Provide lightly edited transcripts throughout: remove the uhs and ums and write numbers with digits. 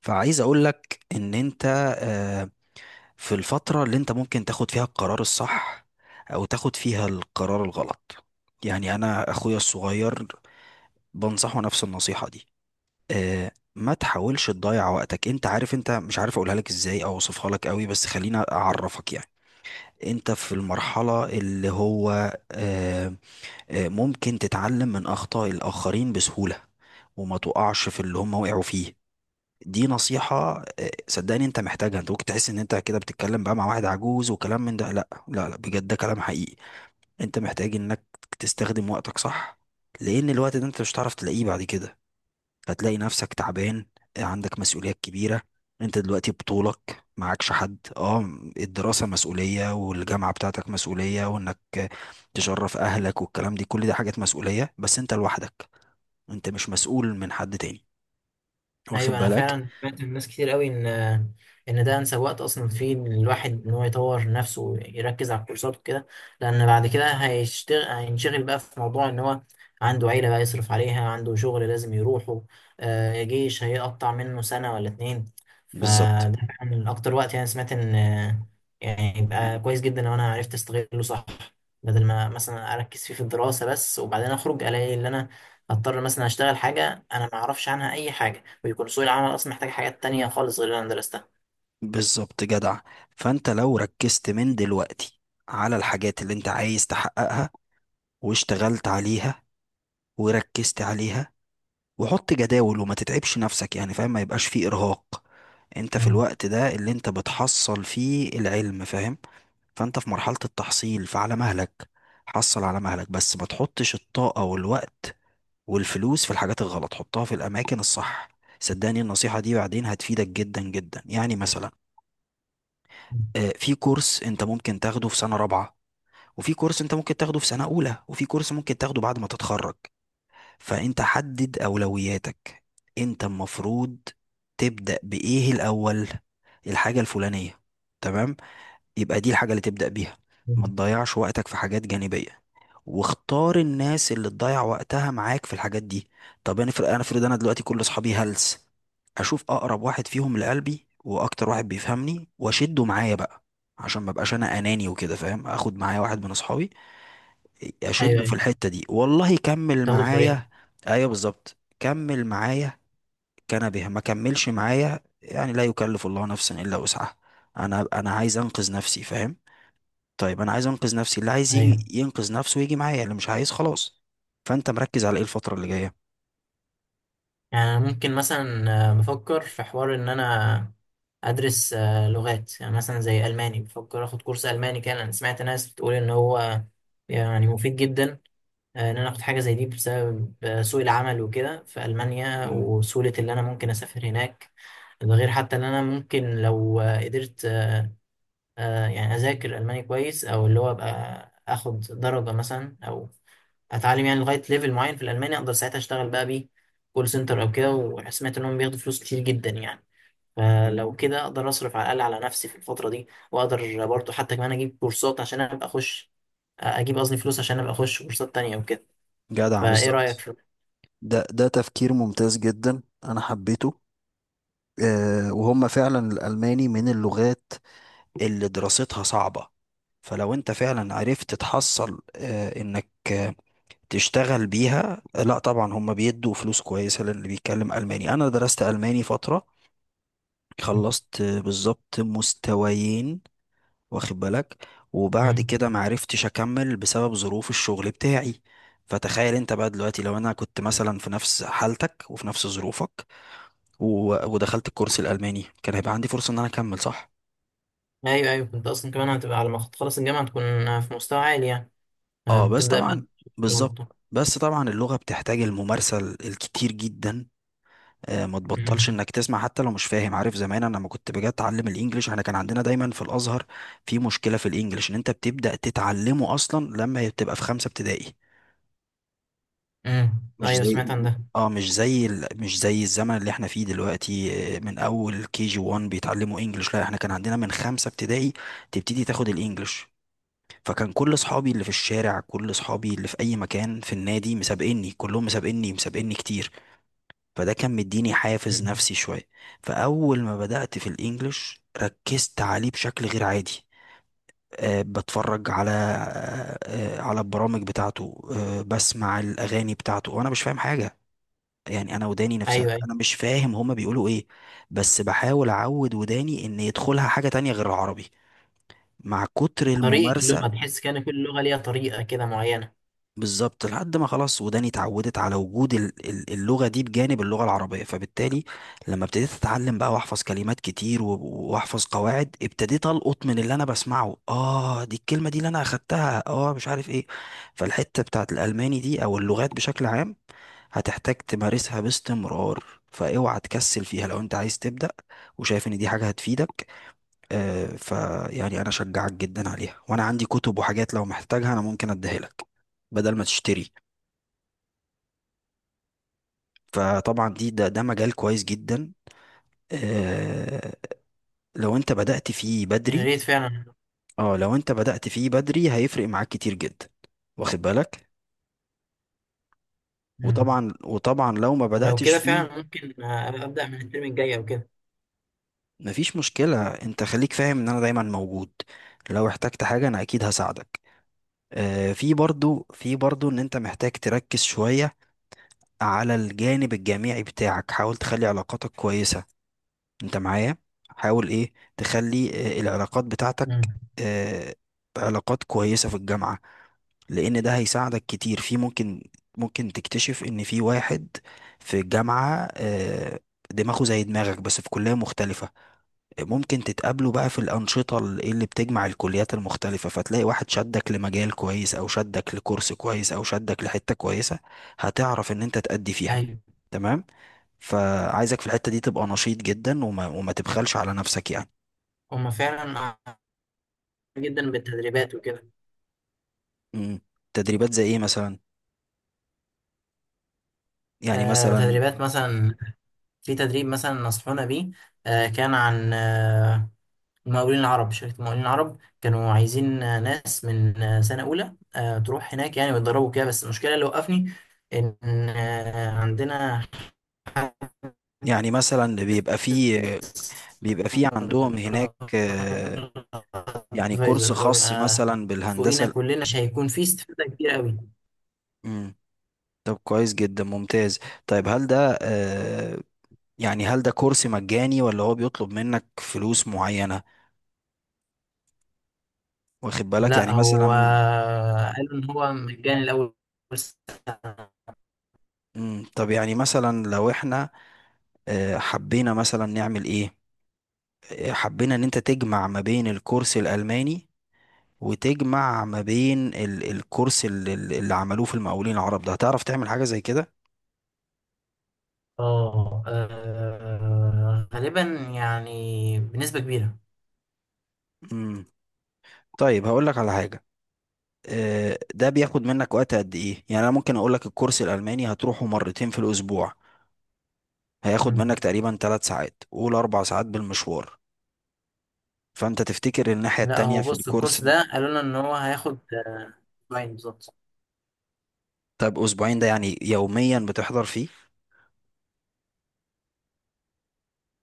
فعايز اقول لك ان انت، آه، في الفترة اللي انت ممكن تاخد فيها القرار الصح او تاخد فيها القرار الغلط. يعني انا اخويا الصغير بنصحه نفس النصيحة دي. ما تحاولش تضيع وقتك. انت عارف، انت مش عارف اقولها لك ازاي او اوصفها لك قوي، بس خليني اعرفك يعني. انت في المرحلة اللي هو آه، ممكن تتعلم من اخطاء الاخرين بسهولة، وما تقعش في اللي هم وقعوا فيه. دي نصيحة، صدقني انت محتاجها. انت ممكن تحس ان انت كده بتتكلم بقى مع واحد عجوز وكلام من ده، لا لا لا، بجد ده كلام حقيقي. انت محتاج انك تستخدم وقتك صح، لان الوقت ده انت مش هتعرف تلاقيه بعد كده. هتلاقي نفسك تعبان، عندك مسؤوليات كبيرة. انت دلوقتي بطولك معكش حد، اه. الدراسة مسؤولية، والجامعة بتاعتك مسؤولية، وانك تشرف اهلك والكلام دي، كل دي حاجات مسؤولية، بس انت لوحدك. انت مش مسؤول من حد تاني. واخد ايوه، انا بالك؟ فعلا سمعت من ناس كتير قوي ان ده انسب وقت اصلا فيه، إن الواحد ان هو يطور نفسه ويركز على الكورسات وكده. لان بعد كده هينشغل بقى في موضوع ان هو عنده عيله بقى يصرف عليها، عنده شغل لازم يروحه، جيش هيقطع منه سنه ولا اتنين. بالظبط. فده فعلا اكتر وقت، يعني سمعت ان يعني يبقى كويس جدا لو انا عرفت استغله صح، بدل ما مثلا اركز فيه في الدراسه بس، وبعدين اخرج الاقي ان انا اضطر مثلا اشتغل حاجه انا ما اعرفش عنها اي حاجه، بيكون سوق العمل اصلا محتاج حاجات تانية خالص غير اللي انا درستها. بالظبط جدع. فانت لو ركزت من دلوقتي على الحاجات اللي انت عايز تحققها، واشتغلت عليها، وركزت عليها، وحط جداول وما تتعبش نفسك يعني فاهم، ما يبقاش فيه ارهاق. انت في مم. الوقت ده اللي انت بتحصل فيه العلم، فاهم؟ فانت في مرحلة التحصيل، فعلى مهلك. حصل على مهلك، بس ما تحطش الطاقة والوقت والفلوس في الحاجات الغلط، حطها في الاماكن الصح. صدقني النصيحة دي بعدين هتفيدك جدا جدا. يعني مثلا في كورس انت ممكن تاخده في سنة رابعة، وفي كورس انت ممكن تاخده في سنة اولى، وفي كورس ممكن تاخده بعد ما تتخرج. فانت حدد اولوياتك. انت المفروض تبدأ بايه الاول؟ الحاجة الفلانية؟ تمام، يبقى دي الحاجة اللي تبدأ بيها. ما مم. تضيعش وقتك في حاجات جانبية، واختار الناس اللي تضيع وقتها معاك في الحاجات دي. طب انا فرق، انا افرض انا دلوقتي كل اصحابي هلس، اشوف اقرب واحد فيهم لقلبي واكتر واحد بيفهمني واشده معايا بقى، عشان ما بقاش انا اناني وكده فاهم. اخد معايا واحد من اصحابي ايوه، اشده في ايوه، الحتة دي، والله كمل تاخده بطريقه. معايا. ايوه بالظبط كمل معايا، كان به ما كملش معايا يعني، لا يكلف الله نفسا الا وسعها. انا عايز انقذ نفسي فاهم. طيب انا عايز انقذ نفسي، اللي عايز ايوه، يجي ينقذ نفسه ويجي معايا، اللي مش عايز خلاص. فانت مركز على ايه الفترة اللي جاية؟ يعني أنا ممكن مثلا بفكر في حوار ان انا ادرس لغات، يعني مثلا زي الماني. بفكر اخد كورس الماني، كان انا سمعت ناس بتقول ان هو يعني مفيد جدا. ان انا اخد حاجه زي دي بسبب سوق العمل وكده في المانيا، مم. وسهوله اللي انا ممكن اسافر هناك. ده غير حتى ان انا ممكن لو قدرت، يعني اذاكر الماني كويس، او اللي هو ابقى اخد درجه مثلا، او اتعلم يعني لغايه ليفل معين في الالماني، اقدر ساعتها اشتغل بقى بيه كول سنتر او كده. وسمعت انهم بياخدوا فلوس كتير جدا يعني. فلو مم. كده اقدر اصرف على الاقل على نفسي في الفتره دي، واقدر برضه حتى كمان اجيب كورسات عشان ابقى اخش، اجيب، قصدي فلوس عشان ابقى اخش كورسات تانية وكده. جدع فايه رايك بالظبط. في؟ ده ده تفكير ممتاز جدا، انا حبيته. آه، وهم فعلا الالماني من اللغات اللي دراستها صعبة. فلو انت فعلا عرفت تحصل، انك تشتغل بيها، لا طبعا هم بيدوا فلوس كويسة للي بيتكلم ألماني. انا درست ألماني فترة، خلصت بالظبط مستويين، واخد بالك، وبعد مم. كده معرفتش اكمل بسبب ظروف الشغل بتاعي. فتخيل انت بقى دلوقتي، لو انا كنت مثلا في نفس حالتك وفي نفس ظروفك ودخلت الكورس الالماني، كان هيبقى عندي فرصة ان انا اكمل، صح؟ ايوه، ايوه، كنت اصلا كمان هتبقى على ما تخلص الجامعه تكون في مستوى عالي يعني، اه بس هتبدا بقى طبعا، بالظبط. شغل. بس طبعا اللغة بتحتاج الممارسة الكتير جدا. آه ما تبطلش مم. انك تسمع حتى لو مش فاهم، عارف؟ زمان انا لما كنت باجي اتعلم الانجليش، احنا كان عندنا دايما في الازهر في مشكلة في الانجليش، ان انت بتبدأ تتعلمه اصلا لما بتبقى في خمسة ابتدائي. امم، مش ايوه زي، سمعت عن ده. اه مش زي مش زي الزمن اللي احنا فيه دلوقتي، من اول كي جي 1 بيتعلموا انجلش. لا احنا كان عندنا من خمسة ابتدائي تبتدي تاخد الانجلش. فكان كل اصحابي اللي في الشارع، كل اصحابي اللي في اي مكان في النادي مسابقني، كلهم مسابقني كتير. فده كان مديني حافز مم. نفسي شوية. فاول ما بدأت في الانجلش ركزت عليه بشكل غير عادي. بتفرج على على البرامج بتاعته، بسمع الأغاني بتاعته، وأنا مش فاهم حاجة يعني. انا وداني نفسها، ايوه، ايوه، انا مش فاهم هما بيقولوا ايه، بس بحاول اعود وداني ان يدخلها حاجة تانية غير العربي مع كتر طريقة الممارسة. اللغة، تحس كأن كل لغة ليها طريقة كده معينة. بالظبط. لحد ما خلاص وداني اتعودت على وجود اللغة دي بجانب اللغة العربية، فبالتالي لما ابتديت اتعلم بقى واحفظ كلمات كتير واحفظ قواعد، ابتديت القط من اللي انا بسمعه: اه دي الكلمة دي اللي انا اخدتها، اه مش عارف ايه. فالحتة بتاعت الالماني دي او اللغات بشكل عام هتحتاج تمارسها باستمرار، فاوعى تكسل فيها. لو انت عايز تبدأ وشايف ان دي حاجة هتفيدك، فيعني انا اشجعك جدا عليها. وانا عندي كتب وحاجات لو محتاجها انا ممكن اديها لك بدل ما تشتري. فطبعا دي ده ده مجال كويس جدا آه، لو انت بدأت فيه يا بدري. ريت فعلا. اه لو انت بدأت فيه بدري هيفرق معاك كتير جدا، واخد بالك. مم. وطبعا لو ما ولو بدأتش كده فيه فعلا ممكن أبدأ من الترم الجاي أو كده. مفيش مشكلة. انت خليك فاهم ان انا دايما موجود، لو احتجت حاجة انا اكيد هساعدك. آه في برضو ان انت محتاج تركز شوية على الجانب الجامعي بتاعك. حاول تخلي علاقاتك كويسة. انت معايا؟ حاول ايه تخلي آه العلاقات بتاعتك، مم. آه، علاقات كويسة في الجامعة. لان ده هيساعدك كتير في، ممكن ممكن تكتشف ان في واحد في الجامعة آه دماغه زي دماغك بس في كلية مختلفة. ممكن تتقابلوا بقى في الأنشطة ال- إيه اللي بتجمع الكليات المختلفة، فتلاقي واحد شدك لمجال كويس أو شدك لكورس كويس أو شدك لحتة كويسة هتعرف إن أنت تأدي فيها. أيوه. تمام. فعايزك في الحتة دي تبقى نشيط جدا وما تبخلش على نفسك يعني. هما فعلا عارفين جدا بالتدريبات وكده. مم. تدريبات زي إيه مثلا؟ يعني مثلا، تدريبات مثلا، في تدريب مثلا نصحونا بيه، كان عن المقاولين العرب، شركة المقاولين العرب كانوا عايزين ناس من سنة أولى تروح هناك يعني، ويتدربوا كده، بس المشكلة اللي وقفني إن عندنا يعني مثلا بيبقى فيه عندهم هناك، يعني كورس فايزر اللي هو خاص بيبقى مثلا فوقينا بالهندسة. كلنا، مش هيكون فيه استفادة كتير قوي. مم. طب كويس جدا، ممتاز. طيب هل ده يعني هل ده كورس مجاني ولا هو بيطلب منك فلوس معينة؟ واخد بالك، لا يعني هو مثلا. قالوا ان هو مجاني الاول سنة. مم، طب يعني مثلا لو احنا حبينا مثلا نعمل ايه، حبينا ان انت تجمع ما بين الكورس الألماني وتجمع ما بين الكورس اللي عملوه في المقاولين العرب، ده هتعرف تعمل حاجة زي كده؟ اه، غالبا يعني بنسبة كبيرة. مم. طيب هقول لك على حاجة. ده بياخد منك وقت قد ايه؟ يعني انا ممكن اقول لك الكورس الألماني هتروحه مرتين في الأسبوع، هياخد مم. منك تقريبا ثلاث ساعات، قول اربع ساعات بالمشوار. فانت تفتكر الناحية لا، التانية هو في بص الكورس؟ الكورس ده قالوا لنا ان هو هياخد اسبوعين بالظبط، طب اسبوعين ده يعني يوميا بتحضر فيه؟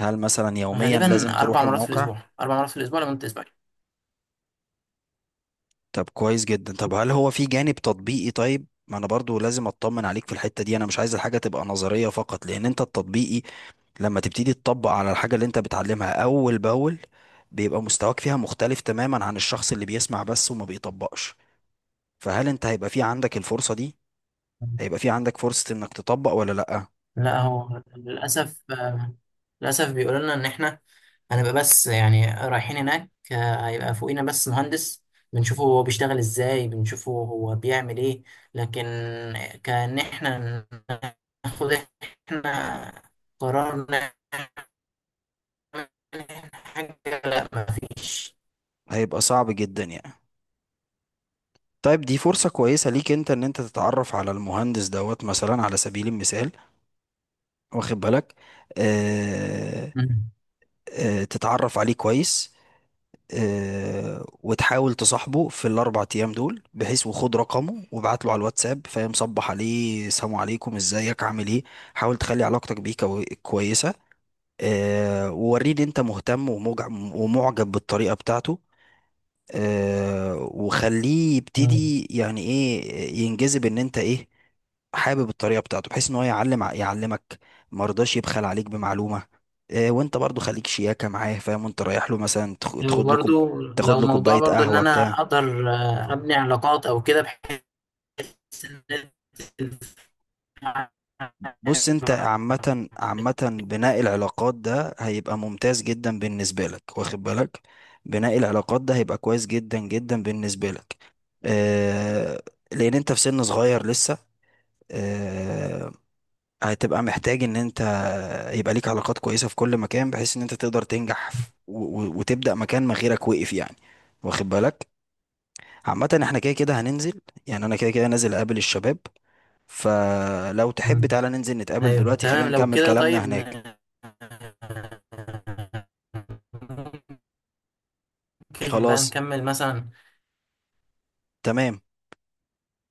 هل مثلا يوميا لازم غالبا تروح 4 مرات في الموقع؟ الاسبوع، 4 مرات في الاسبوع لمدة اسبوعين. طب كويس جدا. طب هل هو في جانب تطبيقي؟ طيب ما انا برضو لازم اطمن عليك في الحتة دي، انا مش عايز الحاجة تبقى نظرية فقط، لان انت التطبيقي لما تبتدي تطبق على الحاجة اللي انت بتعلمها اول باول، بيبقى مستواك فيها مختلف تماما عن الشخص اللي بيسمع بس وما بيطبقش. فهل انت هيبقى في عندك الفرصة دي؟ هيبقى في عندك فرصة انك تطبق ولا لأ؟ لا، هو للأسف، للأسف بيقولوا لنا إن إحنا هنبقى بس، يعني رايحين هناك هيبقى فوقينا بس مهندس، بنشوفه هو بيشتغل إزاي، بنشوفه هو بيعمل إيه، لكن كأن إحنا ناخد قرار نعمل حاجة. لا، مفيش. هيبقى صعب جدا يعني. طيب دي فرصة كويسة ليك انت، ان انت تتعرف على المهندس دوت مثلا على سبيل المثال، واخد بالك؟ اه، مم. اه، تتعرف عليه كويس، اه وتحاول تصاحبه في الاربع ايام دول، بحيث وخد رقمه وابعت له على الواتساب، فاهم؟ صبح عليه، سلام عليكم، ازيك عامل ايه. حاول تخلي علاقتك بيه كويسة. اه ووريه ان انت مهتم ومعجب بالطريقة بتاعته. وخليه مم. يبتدي يعني ايه، ينجذب ان انت ايه، حابب الطريقه بتاعته، بحيث ان هو يعلم يعلمك، ما رضاش يبخل عليك بمعلومه. وانت برضو خليك شياكه معاه، فاهم؟ وانت رايح له مثلا تاخد له كوب، وبرضو تاخد لو له موضوع كوبايه برضو إن قهوه أنا بتاع. أقدر أبني علاقات أو كده، بحيث إن... بص انت عامه، عامه بناء العلاقات ده هيبقى ممتاز جدا بالنسبه لك، واخد بالك؟ بناء العلاقات ده هيبقى كويس جدا جدا بالنسبه لك. آه، لان انت في سن صغير لسه، آه، هتبقى محتاج ان انت يبقى ليك علاقات كويسة في كل مكان، بحيث ان انت تقدر تنجح وتبدأ مكان ما غيرك وقف يعني. واخد بالك؟ عامة احنا كده كده هننزل، يعني انا كده كده نازل اقابل الشباب. فلو تحب مم. تعالى ننزل نتقابل ايوه دلوقتي، تمام خلينا لو نكمل كده. كلامنا طيب، هناك. ممكن بقى خلاص. نكمل مثلا. تمام.